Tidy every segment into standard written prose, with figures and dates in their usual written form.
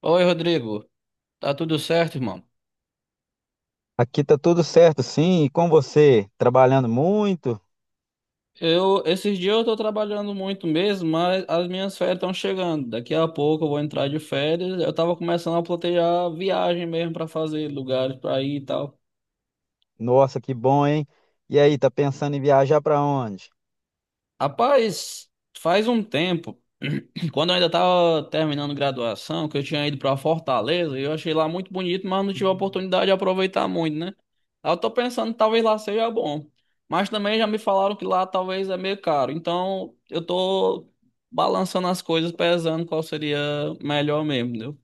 Oi, Rodrigo. Tá tudo certo, irmão? Aqui tá tudo certo, sim. E com você? Trabalhando muito? Eu, esses dias eu tô trabalhando muito mesmo, mas as minhas férias estão chegando. Daqui a pouco eu vou entrar de férias. Eu tava começando a planejar viagem mesmo pra fazer, lugares pra ir e tal. Nossa, que bom, hein? E aí, tá pensando em viajar para onde? Rapaz, faz um tempo, quando eu ainda estava terminando graduação, que eu tinha ido para Fortaleza, e eu achei lá muito bonito, mas não tive a oportunidade de aproveitar muito, né? Aí eu tô pensando, talvez lá seja bom. Mas também já me falaram que lá talvez é meio caro. Então, eu tô balançando as coisas, pesando qual seria melhor mesmo, entendeu?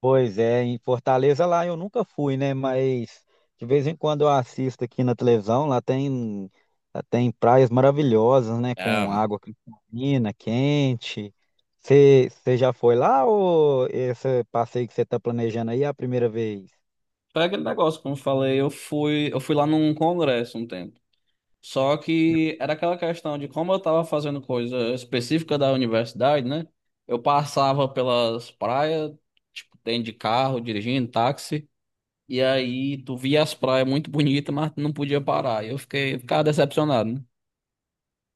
Pois é, em Fortaleza lá eu nunca fui, né? Mas de vez em quando eu assisto aqui na televisão, lá tem praias maravilhosas, né? Ah, Com água cristalina, quente. Você já foi lá ou esse passeio que você está planejando aí é a primeira vez? foi aquele negócio, como eu falei, eu fui lá num congresso um tempo. Só que era aquela questão de como eu estava fazendo coisa específica da universidade, né? Eu passava pelas praias, tipo, dentro de carro, dirigindo táxi, e aí tu via as praias muito bonitas, mas não podia parar. E ficava decepcionado, né?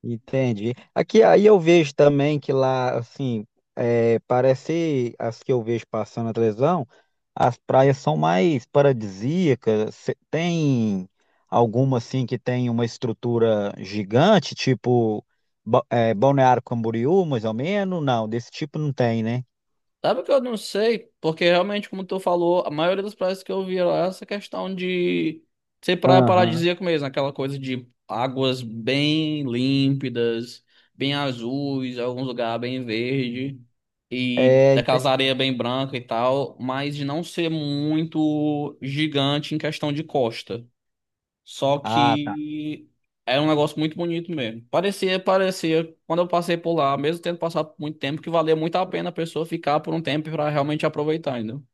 Entendi. Aqui aí eu vejo também que lá, assim, é, parece as que eu vejo passando na televisão, as praias são mais paradisíacas. Tem alguma assim que tem uma estrutura gigante, tipo Balneário Camboriú, mais ou menos? Não, desse tipo não tem, né? Sabe que eu não sei, porque realmente, como tu falou, a maioria das praias que eu vi lá, é essa questão de ser praia Aham. paradisíaca mesmo, aquela coisa de águas bem límpidas, bem azuis, alguns lugares bem verde, e É, ente- daquelas areias bem branca e tal, mas de não ser muito gigante em questão de costa. Só ah, tá. que era um negócio muito bonito mesmo. Parecia, quando eu passei por lá, mesmo tendo passado por muito tempo, que valia muito a pena a pessoa ficar por um tempo para realmente aproveitar, entendeu?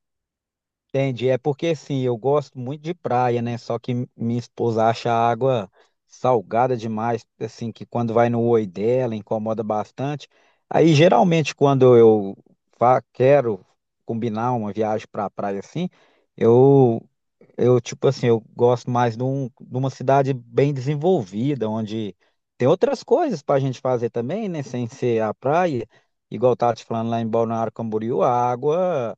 Entendi. É porque assim, eu gosto muito de praia, né? Só que minha esposa acha a água salgada demais, assim, que quando vai no oi dela incomoda bastante. Aí geralmente quando eu quero combinar uma viagem pra praia assim, eu eu tipo assim, eu gosto mais de, de uma cidade bem desenvolvida, onde tem outras coisas pra gente fazer também, né? Sem ser a praia. Igual eu tava te falando lá em Balneário Camboriú, a água.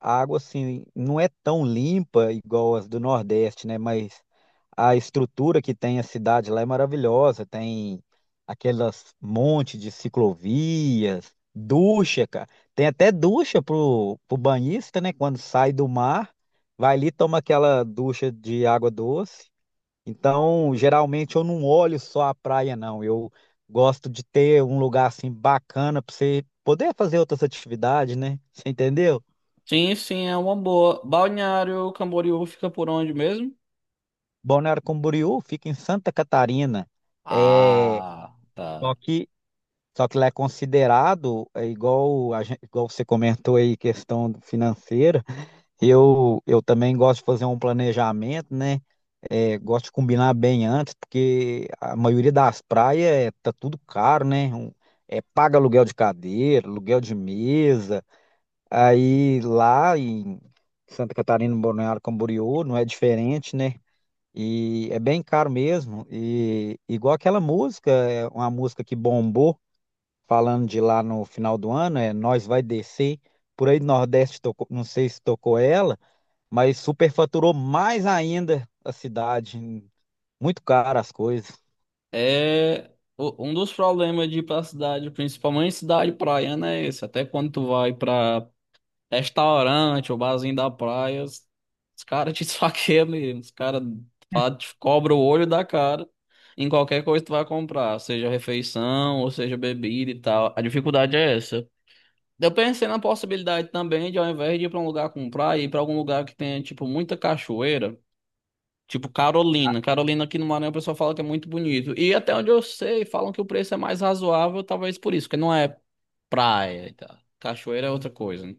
A água, assim, não é tão limpa igual as do Nordeste, né? Mas a estrutura que tem a cidade lá é maravilhosa. Tem aquelas montes de ciclovias, ducha, cara. Tem até ducha pro banhista, né? Quando sai do mar, vai ali e toma aquela ducha de água doce. Então, geralmente eu não olho só a praia, não. Eu gosto de ter um lugar assim bacana para você poder fazer outras atividades, né? Você entendeu? Sim, sim, é uma boa. Balneário Camboriú fica por onde mesmo? Balneário Camboriú fica em Santa Catarina, é, Ah, só tá. que, só que lá é considerado, é igual, igual você comentou aí, questão financeira, eu também gosto de fazer um planejamento, né? É, gosto de combinar bem antes, porque a maioria das praias é, tá tudo caro, né? Paga aluguel de cadeira, aluguel de mesa, aí lá em Santa Catarina, no Balneário Camboriú, não é diferente, né? E é bem caro mesmo. E igual aquela música, é uma música que bombou, falando de lá no final do ano, é Nós Vai Descer. Por aí do Nordeste tocou, não sei se tocou ela, mas superfaturou mais ainda a cidade. Muito caro as coisas. É um dos problemas de ir pra cidade, principalmente cidade praiana, é esse. Até quando tu vai pra restaurante, o barzinho da praia. Os caras te esfaqueiam mesmo. Os caras te cobram o olho da cara em qualquer coisa que tu vai comprar, seja refeição ou seja bebida e tal. A dificuldade é essa. Eu pensei na possibilidade também de, ao invés de ir pra um lugar comprar, ir pra algum lugar que tenha, tipo, muita cachoeira. Tipo Carolina. Carolina aqui no Maranhão, o pessoal fala que é muito bonito. E até onde eu sei, falam que o preço é mais razoável, talvez por isso, porque não é praia e tal. Cachoeira é outra coisa, né?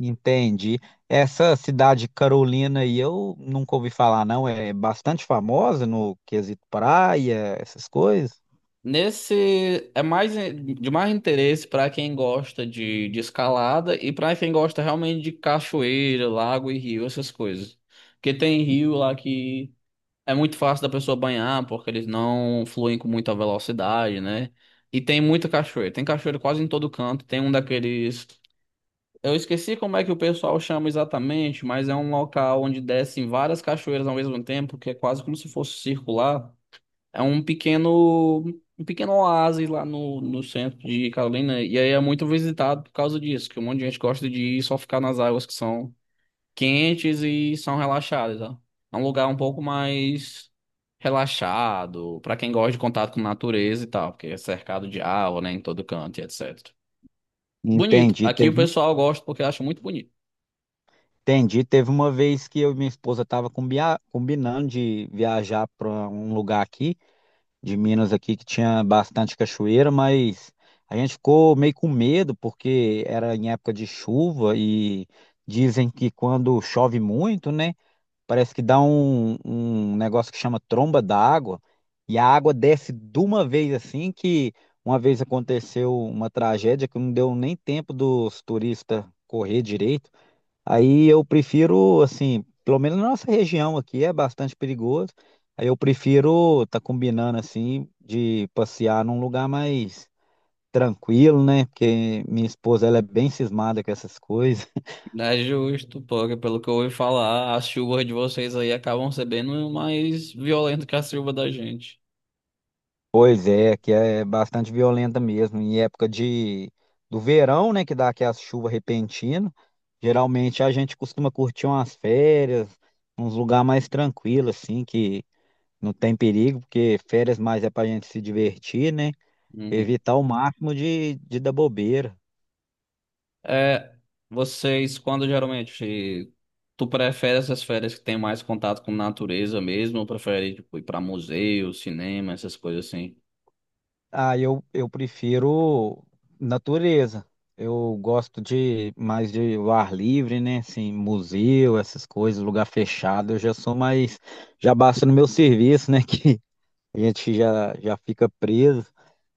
Entendi. Essa cidade Carolina aí eu nunca ouvi falar, não. É bastante famosa no quesito praia, essas coisas. Nesse é mais de mais interesse para quem gosta de escalada e para quem gosta realmente de cachoeira, lago e rio, essas coisas. Porque tem rio lá que é muito fácil da pessoa banhar, porque eles não fluem com muita velocidade, né? E tem muita cachoeira. Tem cachoeira quase em todo canto. Tem um daqueles. Eu esqueci como é que o pessoal chama exatamente, mas é um local onde descem várias cachoeiras ao mesmo tempo, que é quase como se fosse circular. É um pequeno, um pequeno oásis lá no centro de Carolina. E aí é muito visitado por causa disso, que um monte de gente gosta de ir só ficar nas águas que são quentes e são relaxadas, ó. É um lugar um pouco mais relaxado, para quem gosta de contato com natureza e tal, porque é cercado de água, né, em todo canto e etc. Bonito. Entendi. Aqui o pessoal gosta porque acha muito bonito. Entendi. Teve uma vez que eu e minha esposa tava combinando de viajar para um lugar aqui, de Minas aqui, que tinha bastante cachoeira, mas a gente ficou meio com medo porque era em época de chuva e dizem que quando chove muito, né, parece que dá um negócio que chama tromba d'água e a água desce de uma vez assim que uma vez aconteceu uma tragédia que não deu nem tempo dos turistas correr direito. Aí eu prefiro, assim, pelo menos na nossa região aqui é bastante perigoso. Aí eu prefiro tá combinando assim de passear num lugar mais tranquilo, né? Porque minha esposa ela é bem cismada com essas coisas. É justo, porque pelo que eu ouvi falar, as chuvas de vocês aí acabam sendo bem mais violentas que a chuva da gente. Pois é, que é bastante violenta mesmo. Em época de do verão, né, que dá aquelas chuvas repentinas, geralmente a gente costuma curtir umas férias, uns lugares mais tranquilos assim, que não tem perigo, porque férias mais é pra gente se divertir, né? Uhum. Evitar o máximo de dar bobeira. É, vocês, quando geralmente, tu prefere essas férias que tem mais contato com natureza mesmo, ou prefere, tipo, ir pra museu, cinema, essas coisas assim? Ah, eu prefiro natureza. Eu gosto de mais de o ar livre, né? Assim, museu, essas coisas, lugar fechado. Eu já sou mais. Já basta no meu serviço, né? Que a gente já fica preso.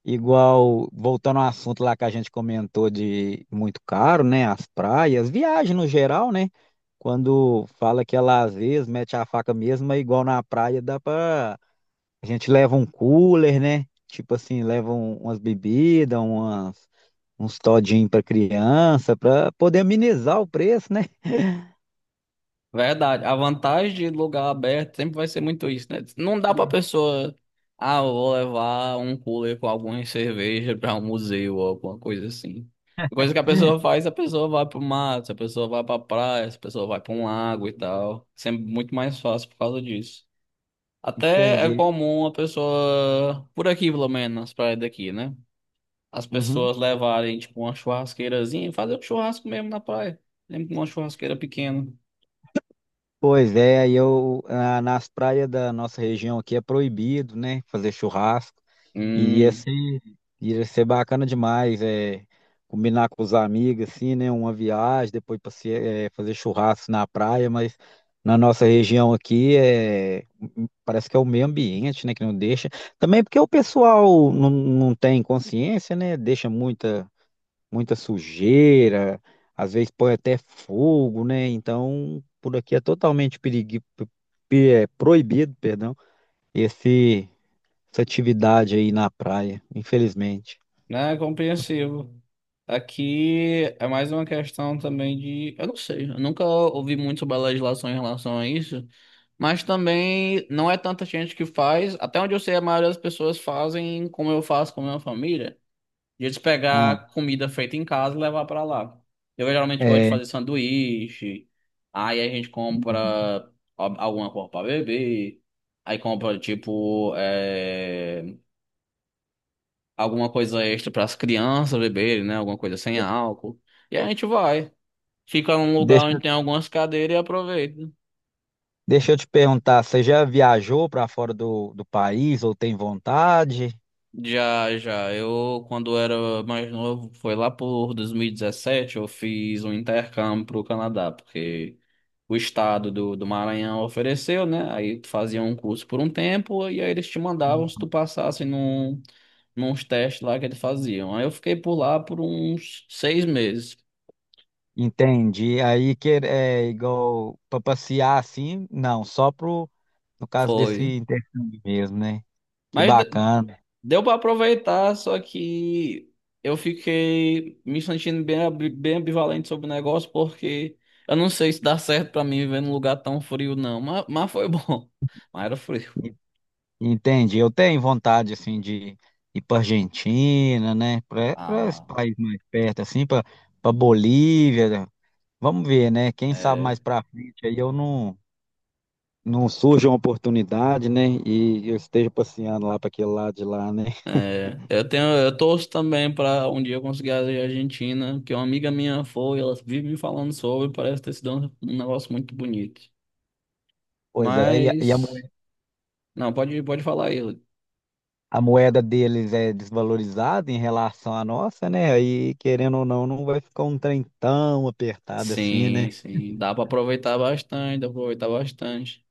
Igual, voltando ao assunto lá que a gente comentou de muito caro, né? As praias, viagem no geral, né? Quando fala que é lazer, mete a faca mesmo, é igual na praia, dá para a gente leva um cooler, né? Tipo assim, leva umas bebidas, umas, uns todinhos para criança, para poder amenizar o preço, né? Verdade, a vantagem de lugar aberto sempre vai ser muito isso, né? Não dá pra pessoa, ah, eu vou levar um cooler com alguma cerveja pra um museu ou alguma coisa assim. Coisa que a pessoa faz, a pessoa vai pro mato, a pessoa vai pra praia, a pessoa vai pra um lago e tal. Sempre muito mais fácil por causa disso. Até é Entende? comum a pessoa, por aqui pelo menos, nas praias daqui, né? As Uhum. pessoas levarem, tipo, uma churrasqueirazinha e fazer um churrasco mesmo na praia. Mesmo com uma churrasqueira pequena. Pois é, aí eu, ah, nas praias da nossa região aqui é proibido, né? Fazer churrasco. Iria Hum, ser, iria ser bacana demais, é, combinar com os amigos, assim, né? Uma viagem, depois fazer churrasco na praia, mas na nossa região aqui é, parece que é o meio ambiente, né, que não deixa. Também porque o pessoal não tem consciência, né? Deixa muita sujeira, às vezes põe até fogo, né? Então, por aqui é proibido, perdão, esse essa atividade aí na praia, infelizmente. né? Compreensivo. Aqui é mais uma questão também de. Eu não sei, eu nunca ouvi muito sobre a legislação em relação a isso, mas também não é tanta gente que faz. Até onde eu sei, a maioria das pessoas fazem como eu faço com a minha família. E eles Ah, pegar comida feita em casa e levar pra lá. Eu geralmente gosto de é, fazer sanduíche. Aí a gente compra alguma coisa pra beber. Aí compra, tipo, é, alguma coisa extra pras crianças beberem, né? Alguma coisa sem álcool. E a gente vai. Fica num lugar deixa, onde tem algumas cadeiras e aproveita. deixa eu te perguntar, você já viajou para fora do país ou tem vontade? Já, já. Eu, quando era mais novo, foi lá por 2017, eu fiz um intercâmbio para Canadá, porque o estado do Maranhão ofereceu, né? Aí tu fazia um curso por um tempo, e aí eles te mandavam se tu passasse nos testes lá que eles faziam. Aí eu fiquei por lá por uns 6 meses. Entendi. Aí que é igual para passear assim, não, no caso Foi. desse intercâmbio mesmo, né? Que Mas de- bacana. Deu pra aproveitar, só que eu fiquei me sentindo bem, bem ambivalente sobre o negócio, porque eu não sei se dá certo pra mim viver num lugar tão frio, não. Mas foi bom. Mas era frio. E- Entendi. Eu tenho vontade assim de ir para Argentina, né? Para esse Ah, país mais perto assim, para Bolívia, Vamos ver, né? Quem sabe é. mais pra frente aí eu não surja uma oportunidade, né? E eu esteja passeando lá para aquele lado de lá, né? É, eu tenho, eu torço também pra um dia eu conseguir a Argentina, porque uma amiga minha foi, ela vive me falando sobre, parece ter sido um, um negócio muito bonito. Pois é, e a Mas, não, pode falar aí. a moeda deles é desvalorizada em relação à nossa, né? Aí, querendo ou não, não vai ficar um trem tão apertado assim, Sim, né? sim, dá pra aproveitar bastante, dá pra aproveitar bastante.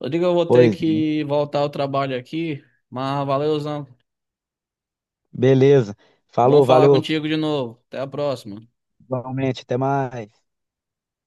Eu digo, eu vou ter Pois, que voltar ao trabalho aqui, mas valeu, valeuzão. beleza. Bom Falou, falar valeu, contigo de novo. Até a próxima. igualmente, até mais.